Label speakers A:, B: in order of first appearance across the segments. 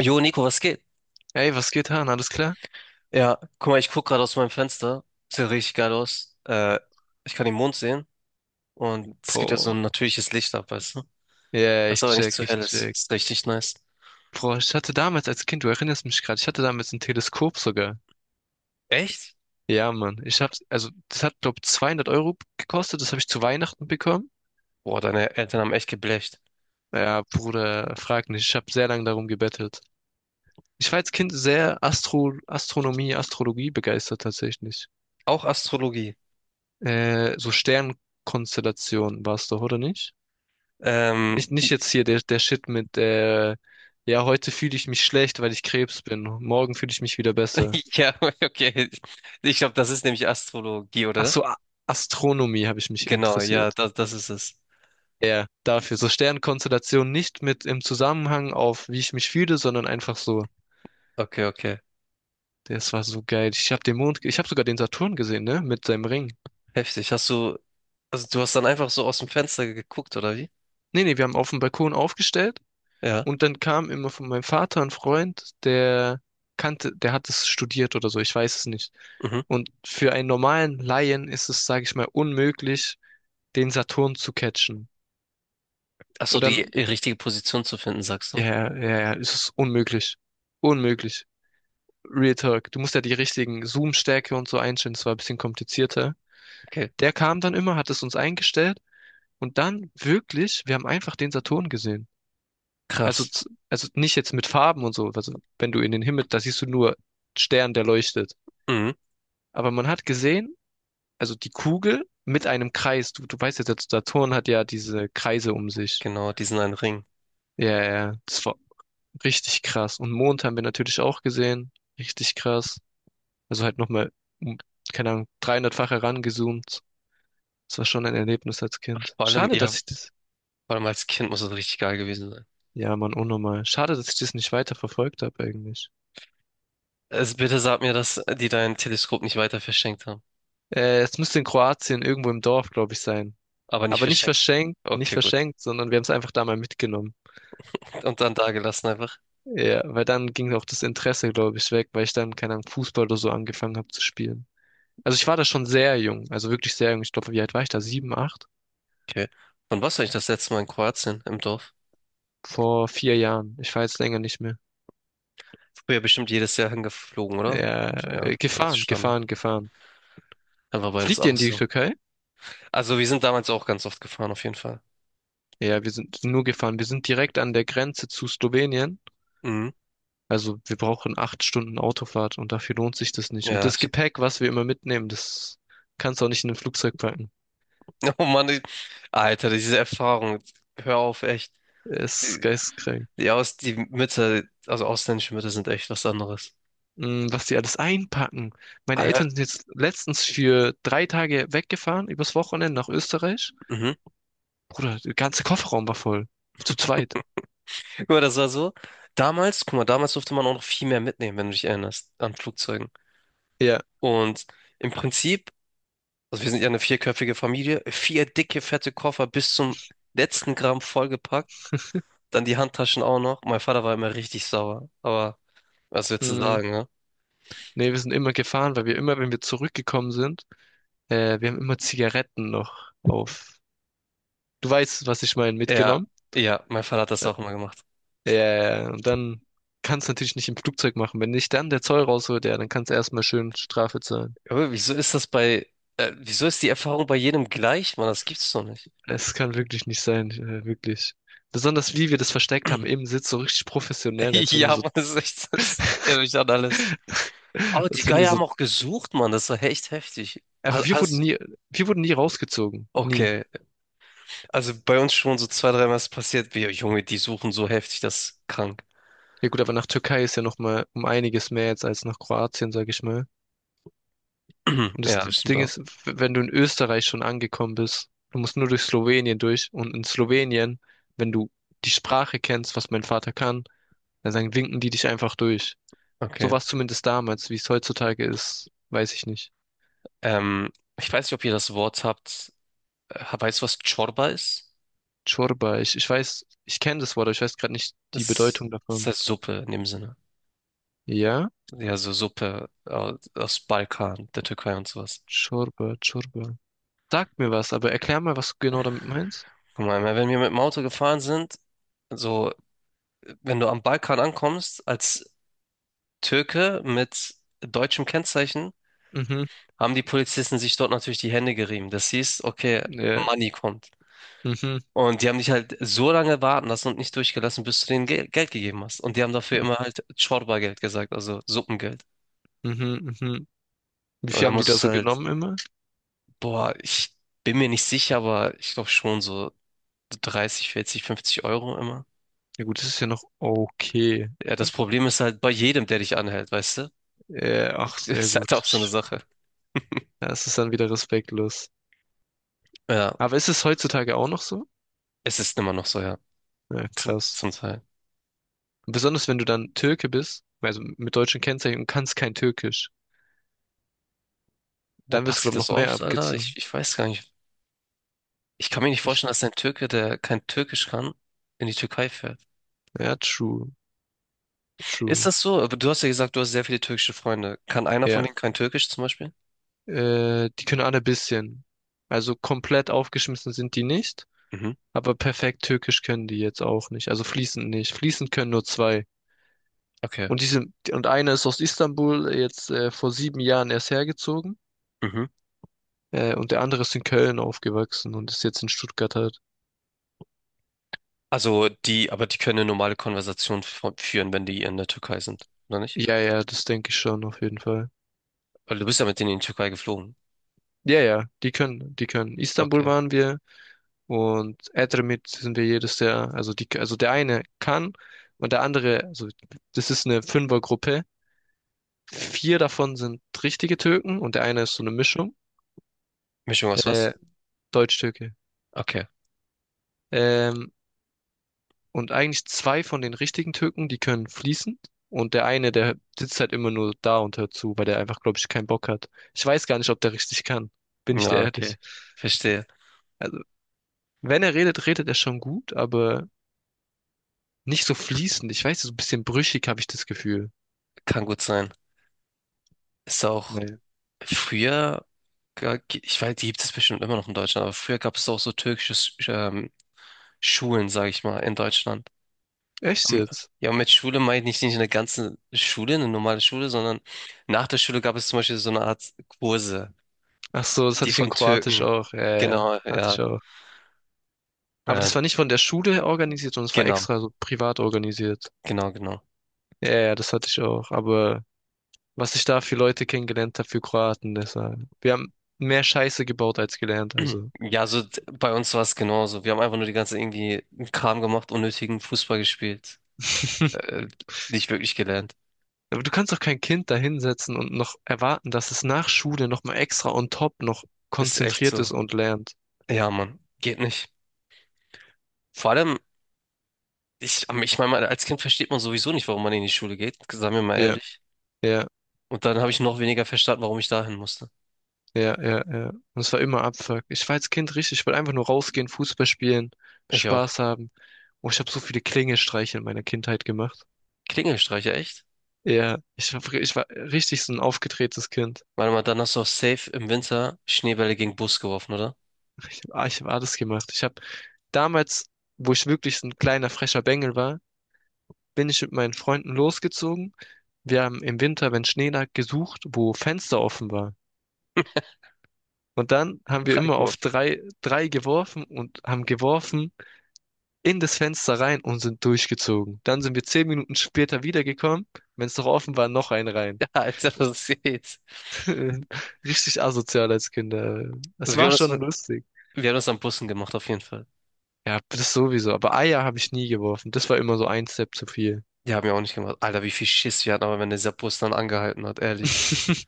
A: Jo, Nico, was geht?
B: Ey, was geht, Han? Alles klar?
A: Ja, guck mal, ich guck gerade aus meinem Fenster. Sieht ja richtig geil aus. Ich kann den Mond sehen und es gibt ja so
B: Boah.
A: ein natürliches Licht ab, weißt du?
B: Ja,
A: Das
B: ich
A: aber nicht
B: check,
A: zu
B: ich
A: hell ist.
B: check.
A: Ist richtig nice.
B: Boah, ich hatte damals als Kind, du erinnerst mich gerade, ich hatte damals ein Teleskop sogar.
A: Echt?
B: Ja, Mann. Ich hab's, das hat, glaub, 200 Euro gekostet. Das habe ich zu Weihnachten bekommen.
A: Boah, deine Eltern haben echt geblecht.
B: Ja, Bruder, frag nicht. Ich habe sehr lange darum gebettelt. Ich war als Kind sehr Astronomie, Astrologie begeistert tatsächlich.
A: Auch Astrologie.
B: So Sternkonstellationen war's doch, oder nicht?
A: Ähm,
B: Nicht jetzt hier der Shit mit, ja, heute fühle ich mich schlecht, weil ich Krebs bin. Morgen fühle ich mich wieder besser.
A: ja, okay. Ich glaube, das ist nämlich Astrologie,
B: Ach
A: oder?
B: so, A- Astronomie habe ich mich
A: Genau, ja,
B: interessiert.
A: das ist es.
B: Ja, dafür. So Sternkonstellationen nicht mit im Zusammenhang auf, wie ich mich fühle, sondern einfach so.
A: Okay, okay.
B: Das war so geil. Ich habe sogar den Saturn gesehen, ne? Mit seinem Ring.
A: Heftig. Also du hast dann einfach so aus dem Fenster geguckt, oder wie?
B: Nee, nee, wir haben auf dem Balkon aufgestellt.
A: Ja.
B: Und dann kam immer von meinem Vater ein Freund, der hat es studiert oder so, ich weiß es nicht.
A: Mhm.
B: Und für einen normalen Laien ist es, sage ich mal, unmöglich, den Saturn zu catchen.
A: Ach so,
B: Und
A: die
B: dann,
A: richtige Position zu finden, sagst
B: ja,
A: du?
B: ja, ja, ja, es ist unmöglich. Unmöglich. Real Talk. Du musst ja die richtigen Zoom-Stärke und so einstellen, das war ein bisschen komplizierter.
A: Okay.
B: Der kam dann immer, hat es uns eingestellt und dann wirklich, wir haben einfach den Saturn gesehen.
A: Krass.
B: Also nicht jetzt mit Farben und so. Also wenn du in den Himmel, da siehst du nur Stern, der leuchtet.
A: Mhm.
B: Aber man hat gesehen, also die Kugel mit einem Kreis. Du weißt ja, der Saturn hat ja diese Kreise um sich.
A: Genau, diesen einen Ring.
B: Ja. Das war richtig krass. Und Mond haben wir natürlich auch gesehen. Richtig krass. Also halt nochmal, um, keine Ahnung, 300-fach herangezoomt. Das war schon ein Erlebnis als Kind.
A: Vor allem,
B: Schade,
A: ja,
B: dass ich das,
A: vor allem als Kind muss es richtig geil gewesen sein.
B: ja, Mann, unnormal. Schade, dass ich das nicht weiter verfolgt habe eigentlich.
A: Also bitte sag mir, dass die dein Teleskop nicht weiter verschenkt haben.
B: Es müsste in Kroatien irgendwo im Dorf, glaube ich, sein.
A: Aber nicht
B: Aber nicht
A: verschenkt.
B: verschenkt, nicht
A: Okay, gut.
B: verschenkt, sondern wir haben es einfach da mal mitgenommen.
A: Und dann da gelassen einfach.
B: Ja, weil dann ging auch das Interesse, glaube ich, weg, weil ich dann, keine Ahnung, Fußball oder so angefangen habe zu spielen. Also ich war da schon sehr jung, also wirklich sehr jung. Ich glaube, wie alt war ich da? Sieben, acht?
A: Okay. Wann warst du eigentlich das letzte Mal in Kroatien im Dorf?
B: Vor 4 Jahren. Ich war jetzt länger nicht mehr.
A: Früher bestimmt jedes Jahr hingeflogen, oder?
B: Ja,
A: Gut, ja,
B: äh,
A: das ist
B: gefahren,
A: Standard.
B: gefahren, gefahren.
A: Dann war bei uns
B: Fliegt ihr
A: auch
B: in die
A: so.
B: Türkei?
A: Also wir sind damals auch ganz oft gefahren, auf jeden Fall.
B: Ja, wir sind nur gefahren. Wir sind direkt an der Grenze zu Slowenien.
A: Mhm.
B: Also wir brauchen 8 Stunden Autofahrt und dafür lohnt sich das nicht. Und
A: Ja.
B: das Gepäck, was wir immer mitnehmen, das kannst du auch nicht in ein Flugzeug packen.
A: Oh Mann, Alter, diese Erfahrung. Hör auf, echt.
B: Ist geisteskrank.
A: Ja, also ausländische Mütter sind echt was anderes.
B: Mm. Was die alles einpacken. Meine Eltern
A: Alter,
B: sind jetzt letztens für 3 Tage weggefahren, übers Wochenende nach Österreich.
A: mhm.
B: Bruder, der ganze Kofferraum war voll. Zu zweit.
A: Guck mal, das war so. Damals, guck mal, damals durfte man auch noch viel mehr mitnehmen, wenn du dich erinnerst, an Flugzeugen.
B: Ja.
A: Und im Prinzip, also wir sind ja eine vierköpfige Familie, vier dicke, fette Koffer bis zum letzten Gramm vollgepackt, dann die Handtaschen auch noch. Mein Vater war immer richtig sauer, aber was willst du
B: Mm.
A: sagen, ne?
B: Nee, wir sind immer gefahren, weil wir immer, wenn wir zurückgekommen sind, wir haben immer Zigaretten noch auf. Du weißt, was ich meine,
A: Ja,
B: mitgenommen.
A: ja, mein Vater hat das
B: Äh,
A: auch immer gemacht.
B: ja. und dann kannst du natürlich nicht im Flugzeug machen. Wenn nicht dann der Zoll rausholt, ja, dann kannst du erstmal schön Strafe zahlen.
A: Aber wieso ist die Erfahrung bei jedem gleich, Mann? Das gibt's doch nicht.
B: Es kann wirklich nicht sein, wirklich. Besonders wie wir das versteckt haben im Sitz, so richtig professionell, als würden wir
A: Ja,
B: so,
A: Mann, das ist echt, das erinnert mich an alles. Aber die
B: als würden wir
A: Geier
B: so,
A: haben auch gesucht, Mann, das war echt heftig. Ha-
B: einfach
A: Hast,
B: wir wurden nie rausgezogen, nie.
A: okay, also bei uns schon so zwei, dreimal ist passiert, wir, Junge, die suchen so heftig, das ist krank.
B: Ja gut, aber nach Türkei ist ja noch mal um einiges mehr jetzt als nach Kroatien, sag ich mal. Und das
A: Ja, das stimmt
B: Ding
A: auch.
B: ist, wenn du in Österreich schon angekommen bist, du musst nur durch Slowenien durch und in Slowenien, wenn du die Sprache kennst, was mein Vater kann, dann sagen, winken die dich einfach durch. So
A: Okay.
B: war es zumindest damals, wie es heutzutage ist, weiß ich nicht.
A: Ähm, Ich weiß nicht, ob ihr das Wort habt. Weißt du, was Chorba ist?
B: Chorba. Ich weiß, ich kenne das Wort, aber ich weiß gerade nicht die
A: Das,
B: Bedeutung
A: das
B: davon.
A: heißt Suppe in dem Sinne.
B: Ja?
A: Ja, so Suppe aus Balkan, der Türkei und sowas.
B: Chorba, Chorba. Sag mir was, aber erklär mal, was du genau damit meinst.
A: Guck mal, wenn wir mit dem Auto gefahren sind, so, wenn du am Balkan ankommst, als Türke mit deutschem Kennzeichen,
B: Mhm.
A: haben die Polizisten sich dort natürlich die Hände gerieben. Das hieß, okay,
B: Ja.
A: Money kommt.
B: Mhm.
A: Und die haben dich halt so lange warten lassen und nicht durchgelassen, bis du denen Geld gegeben hast. Und die haben dafür immer halt Çorba-Geld gesagt, also Suppengeld.
B: Mhm. Mhm. Wie
A: Und
B: viel
A: dann
B: haben die da
A: musstest du
B: so
A: halt,
B: genommen immer?
A: boah, ich bin mir nicht sicher, aber ich glaube schon so 30, 40, 50 € immer.
B: Ja gut, das ist ja noch okay.
A: Ja, das Problem ist halt bei jedem, der dich anhält, weißt du?
B: Äh, ach,
A: Das
B: sehr
A: ist halt auch
B: gut.
A: so eine Sache.
B: Ja, es ist dann wieder respektlos.
A: Ja,
B: Aber ist es heutzutage auch noch so?
A: es ist immer noch so, ja,
B: Ja,
A: zum,
B: krass.
A: zum Teil.
B: Besonders wenn du dann Türke bist, also mit deutschen Kennzeichen und kannst kein Türkisch,
A: Wo
B: dann wirst du,
A: passiert
B: glaube ich,
A: das
B: noch mehr
A: oft, Alter?
B: abgezogen.
A: Ich weiß gar nicht. Ich kann mir nicht
B: Echt?
A: vorstellen, dass ein Türke, der kein Türkisch kann, in die Türkei fährt.
B: Ja, true.
A: Ist
B: True.
A: das so? Aber du hast ja gesagt, du hast sehr viele türkische Freunde. Kann einer von
B: Ja.
A: denen kein Türkisch zum Beispiel?
B: Die können alle ein bisschen. Also komplett aufgeschmissen sind die nicht,
A: Mhm.
B: aber perfekt Türkisch können die jetzt auch nicht. Also fließend nicht. Fließend können nur zwei.
A: Okay.
B: Und diese, und einer ist aus Istanbul jetzt vor 7 Jahren erst hergezogen.
A: Mhm.
B: Und der andere ist in Köln aufgewachsen und ist jetzt in Stuttgart halt.
A: Aber die können eine normale Konversation führen, wenn die in der Türkei sind, oder nicht?
B: Ja, ja, das denke ich schon auf jeden Fall.
A: Weil du bist ja mit denen in die Türkei geflogen.
B: Ja, die können. Istanbul
A: Okay.
B: waren wir. Und Edremit sind wir jedes der, also die, also der eine kann und der andere, also das ist eine Fünfergruppe. Vier davon sind richtige Türken und der eine ist so eine Mischung,
A: Mischung aus
B: äh,
A: was?
B: Deutsch-Türke.
A: Okay.
B: Ähm, und eigentlich zwei von den richtigen Türken, die können fließend. Und der eine, der sitzt halt immer nur da und hört zu, weil der einfach, glaube ich, keinen Bock hat. Ich weiß gar nicht, ob der richtig kann. Bin ich dir
A: Ja,
B: ehrlich.
A: okay. Verstehe.
B: Also, wenn er redet, redet er schon gut, aber nicht so fließend. Ich weiß, so ein bisschen brüchig habe ich das Gefühl.
A: Kann gut sein. Ist auch
B: Naja.
A: früher. Ich weiß, die gibt es bestimmt immer noch in Deutschland, aber früher gab es auch so türkische Schulen, sage ich mal, in Deutschland.
B: Echt
A: Am-
B: jetzt?
A: Ja, und mit Schule meine ich nicht eine ganze Schule, eine normale Schule, sondern nach der Schule gab es zum Beispiel so eine Art Kurse,
B: Ach so, das
A: die
B: hatte ich in
A: von
B: Kroatisch
A: Türken.
B: auch. Ja, ja, ja,
A: Genau,
B: hatte
A: ja,
B: ich auch. Aber
A: äh,
B: das war nicht von der Schule organisiert, sondern es war
A: genau,
B: extra so privat organisiert.
A: genau, genau.
B: Ja, ja, das hatte ich auch. Aber was ich da für Leute kennengelernt habe, für Kroaten, das war, wir haben mehr Scheiße gebaut als gelernt, also.
A: Ja, so bei uns war es genauso. Wir haben einfach nur die ganze irgendwie Kram gemacht, unnötigen Fußball gespielt, äh, nicht wirklich gelernt.
B: Aber du kannst doch kein Kind da hinsetzen und noch erwarten, dass es nach Schule nochmal extra on top noch
A: Ist echt
B: konzentriert
A: so.
B: ist und lernt.
A: Ja, Mann, geht nicht. Vor allem, ich meine, als Kind versteht man sowieso nicht, warum man in die Schule geht, sagen wir mal
B: Ja,
A: ehrlich.
B: ja.
A: Und dann habe ich noch weniger verstanden, warum ich dahin musste.
B: Ja, ja, ja. Und es war immer Abfuck. Ich war als Kind richtig, ich wollte einfach nur rausgehen, Fußball spielen,
A: Ich auch.
B: Spaß haben. Oh, ich habe so viele Klingelstreiche in meiner Kindheit gemacht.
A: Klingelstreicher, echt?
B: Ja, ich war richtig so ein aufgedrehtes Kind.
A: Warte mal, dann hast du auch safe im Winter Schneebälle gegen Bus geworfen, oder?
B: Ich hab alles gemacht. Ich habe damals, wo ich wirklich so ein kleiner frecher Bengel war, bin ich mit meinen Freunden losgezogen. Wir haben im Winter, wenn Schnee lag, gesucht, wo Fenster offen war. Und dann haben wir immer auf
A: Reingeworfen.
B: drei, drei geworfen und haben geworfen in das Fenster rein und sind durchgezogen. Dann sind wir 10 Minuten später wiedergekommen. Wenn es noch offen war, noch einen rein.
A: Ja, Alter, was geht's?
B: Richtig asozial als Kinder. Es
A: Also wir
B: war
A: haben das,
B: schon lustig.
A: wir haben das an Bussen gemacht, auf jeden Fall.
B: Ja, das sowieso. Aber Eier habe ich nie geworfen. Das war immer so ein Step zu viel.
A: Die haben ja auch nicht gemacht. Alter, wie viel Schiss wir hatten, aber wenn dieser Bus dann angehalten hat, ehrlich.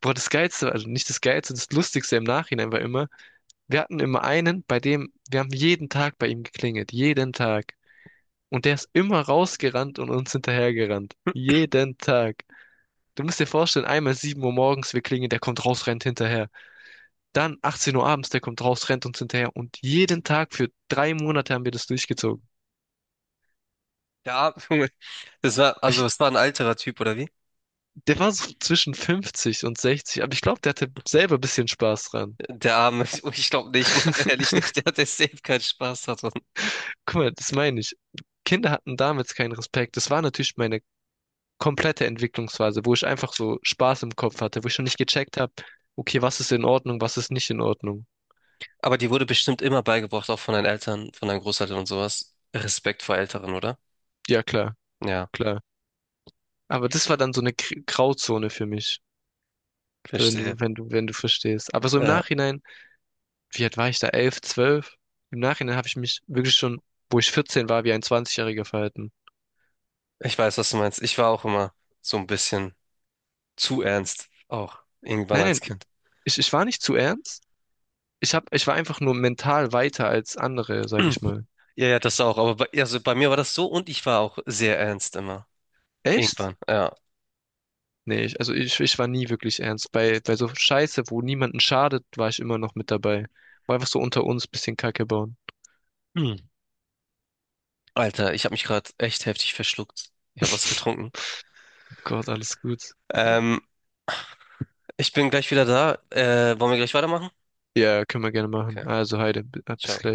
B: Boah, das Geilste, also nicht das Geilste, das Lustigste im Nachhinein war immer, wir hatten immer einen, bei dem, wir haben jeden Tag bei ihm geklingelt. Jeden Tag. Und der ist immer rausgerannt und uns hinterhergerannt. Jeden Tag. Du musst dir vorstellen, einmal 7 Uhr morgens, wir klingeln, der kommt raus, rennt hinterher. Dann 18 Uhr abends, der kommt raus, rennt uns hinterher. Und jeden Tag für 3 Monate haben wir das durchgezogen.
A: Der Arme, Junge. Also
B: Ich,
A: das war ein alterer Typ, oder wie?
B: der war so zwischen 50 und 60, aber ich glaube, der hatte selber ein bisschen Spaß dran.
A: Der Arme, ich glaube nicht, Mann, ehrlich nicht, der hat der safe keinen Spaß hat.
B: Guck mal, das meine ich. Kinder hatten damals keinen Respekt. Das war natürlich meine komplette Entwicklungsphase, wo ich einfach so Spaß im Kopf hatte, wo ich schon nicht gecheckt habe, okay, was ist in Ordnung, was ist nicht in Ordnung.
A: Aber dir wurde bestimmt immer beigebracht, auch von deinen Eltern, von deinen Großeltern und sowas. Respekt vor Älteren, oder?
B: Ja, klar,
A: Ja,
B: klar. Aber das war dann so eine Grauzone für mich. Wenn
A: verstehe.
B: du, wenn du, wenn du verstehst. Aber so im
A: Ja,
B: Nachhinein, wie alt war ich da? Elf, zwölf. Im Nachhinein habe ich mich wirklich schon, wo ich 14 war, wie ein 20-Jähriger verhalten.
A: ich weiß, was du meinst. Ich war auch immer so ein bisschen zu ernst, auch irgendwann
B: Nein,
A: als
B: nein,
A: Kind.
B: ich, ich war nicht zu ernst. Ich war einfach nur mental weiter als andere, sage ich mal.
A: Ja, ja, das auch. Aber also bei mir war das so und ich war auch sehr ernst immer.
B: Echt?
A: Irgendwann, ja.
B: Nee, ich war nie wirklich ernst. Bei so Scheiße, wo niemanden schadet, war ich immer noch mit dabei. War einfach so unter uns bisschen Kacke bauen.
A: Hm. Alter, ich habe mich gerade echt heftig verschluckt. Ich habe was getrunken.
B: Gott, alles gut.
A: Ähm, Ich bin gleich wieder da. Wollen wir gleich weitermachen?
B: Ja, können wir gerne machen.
A: Okay,
B: Also, bis
A: ciao.
B: gleich.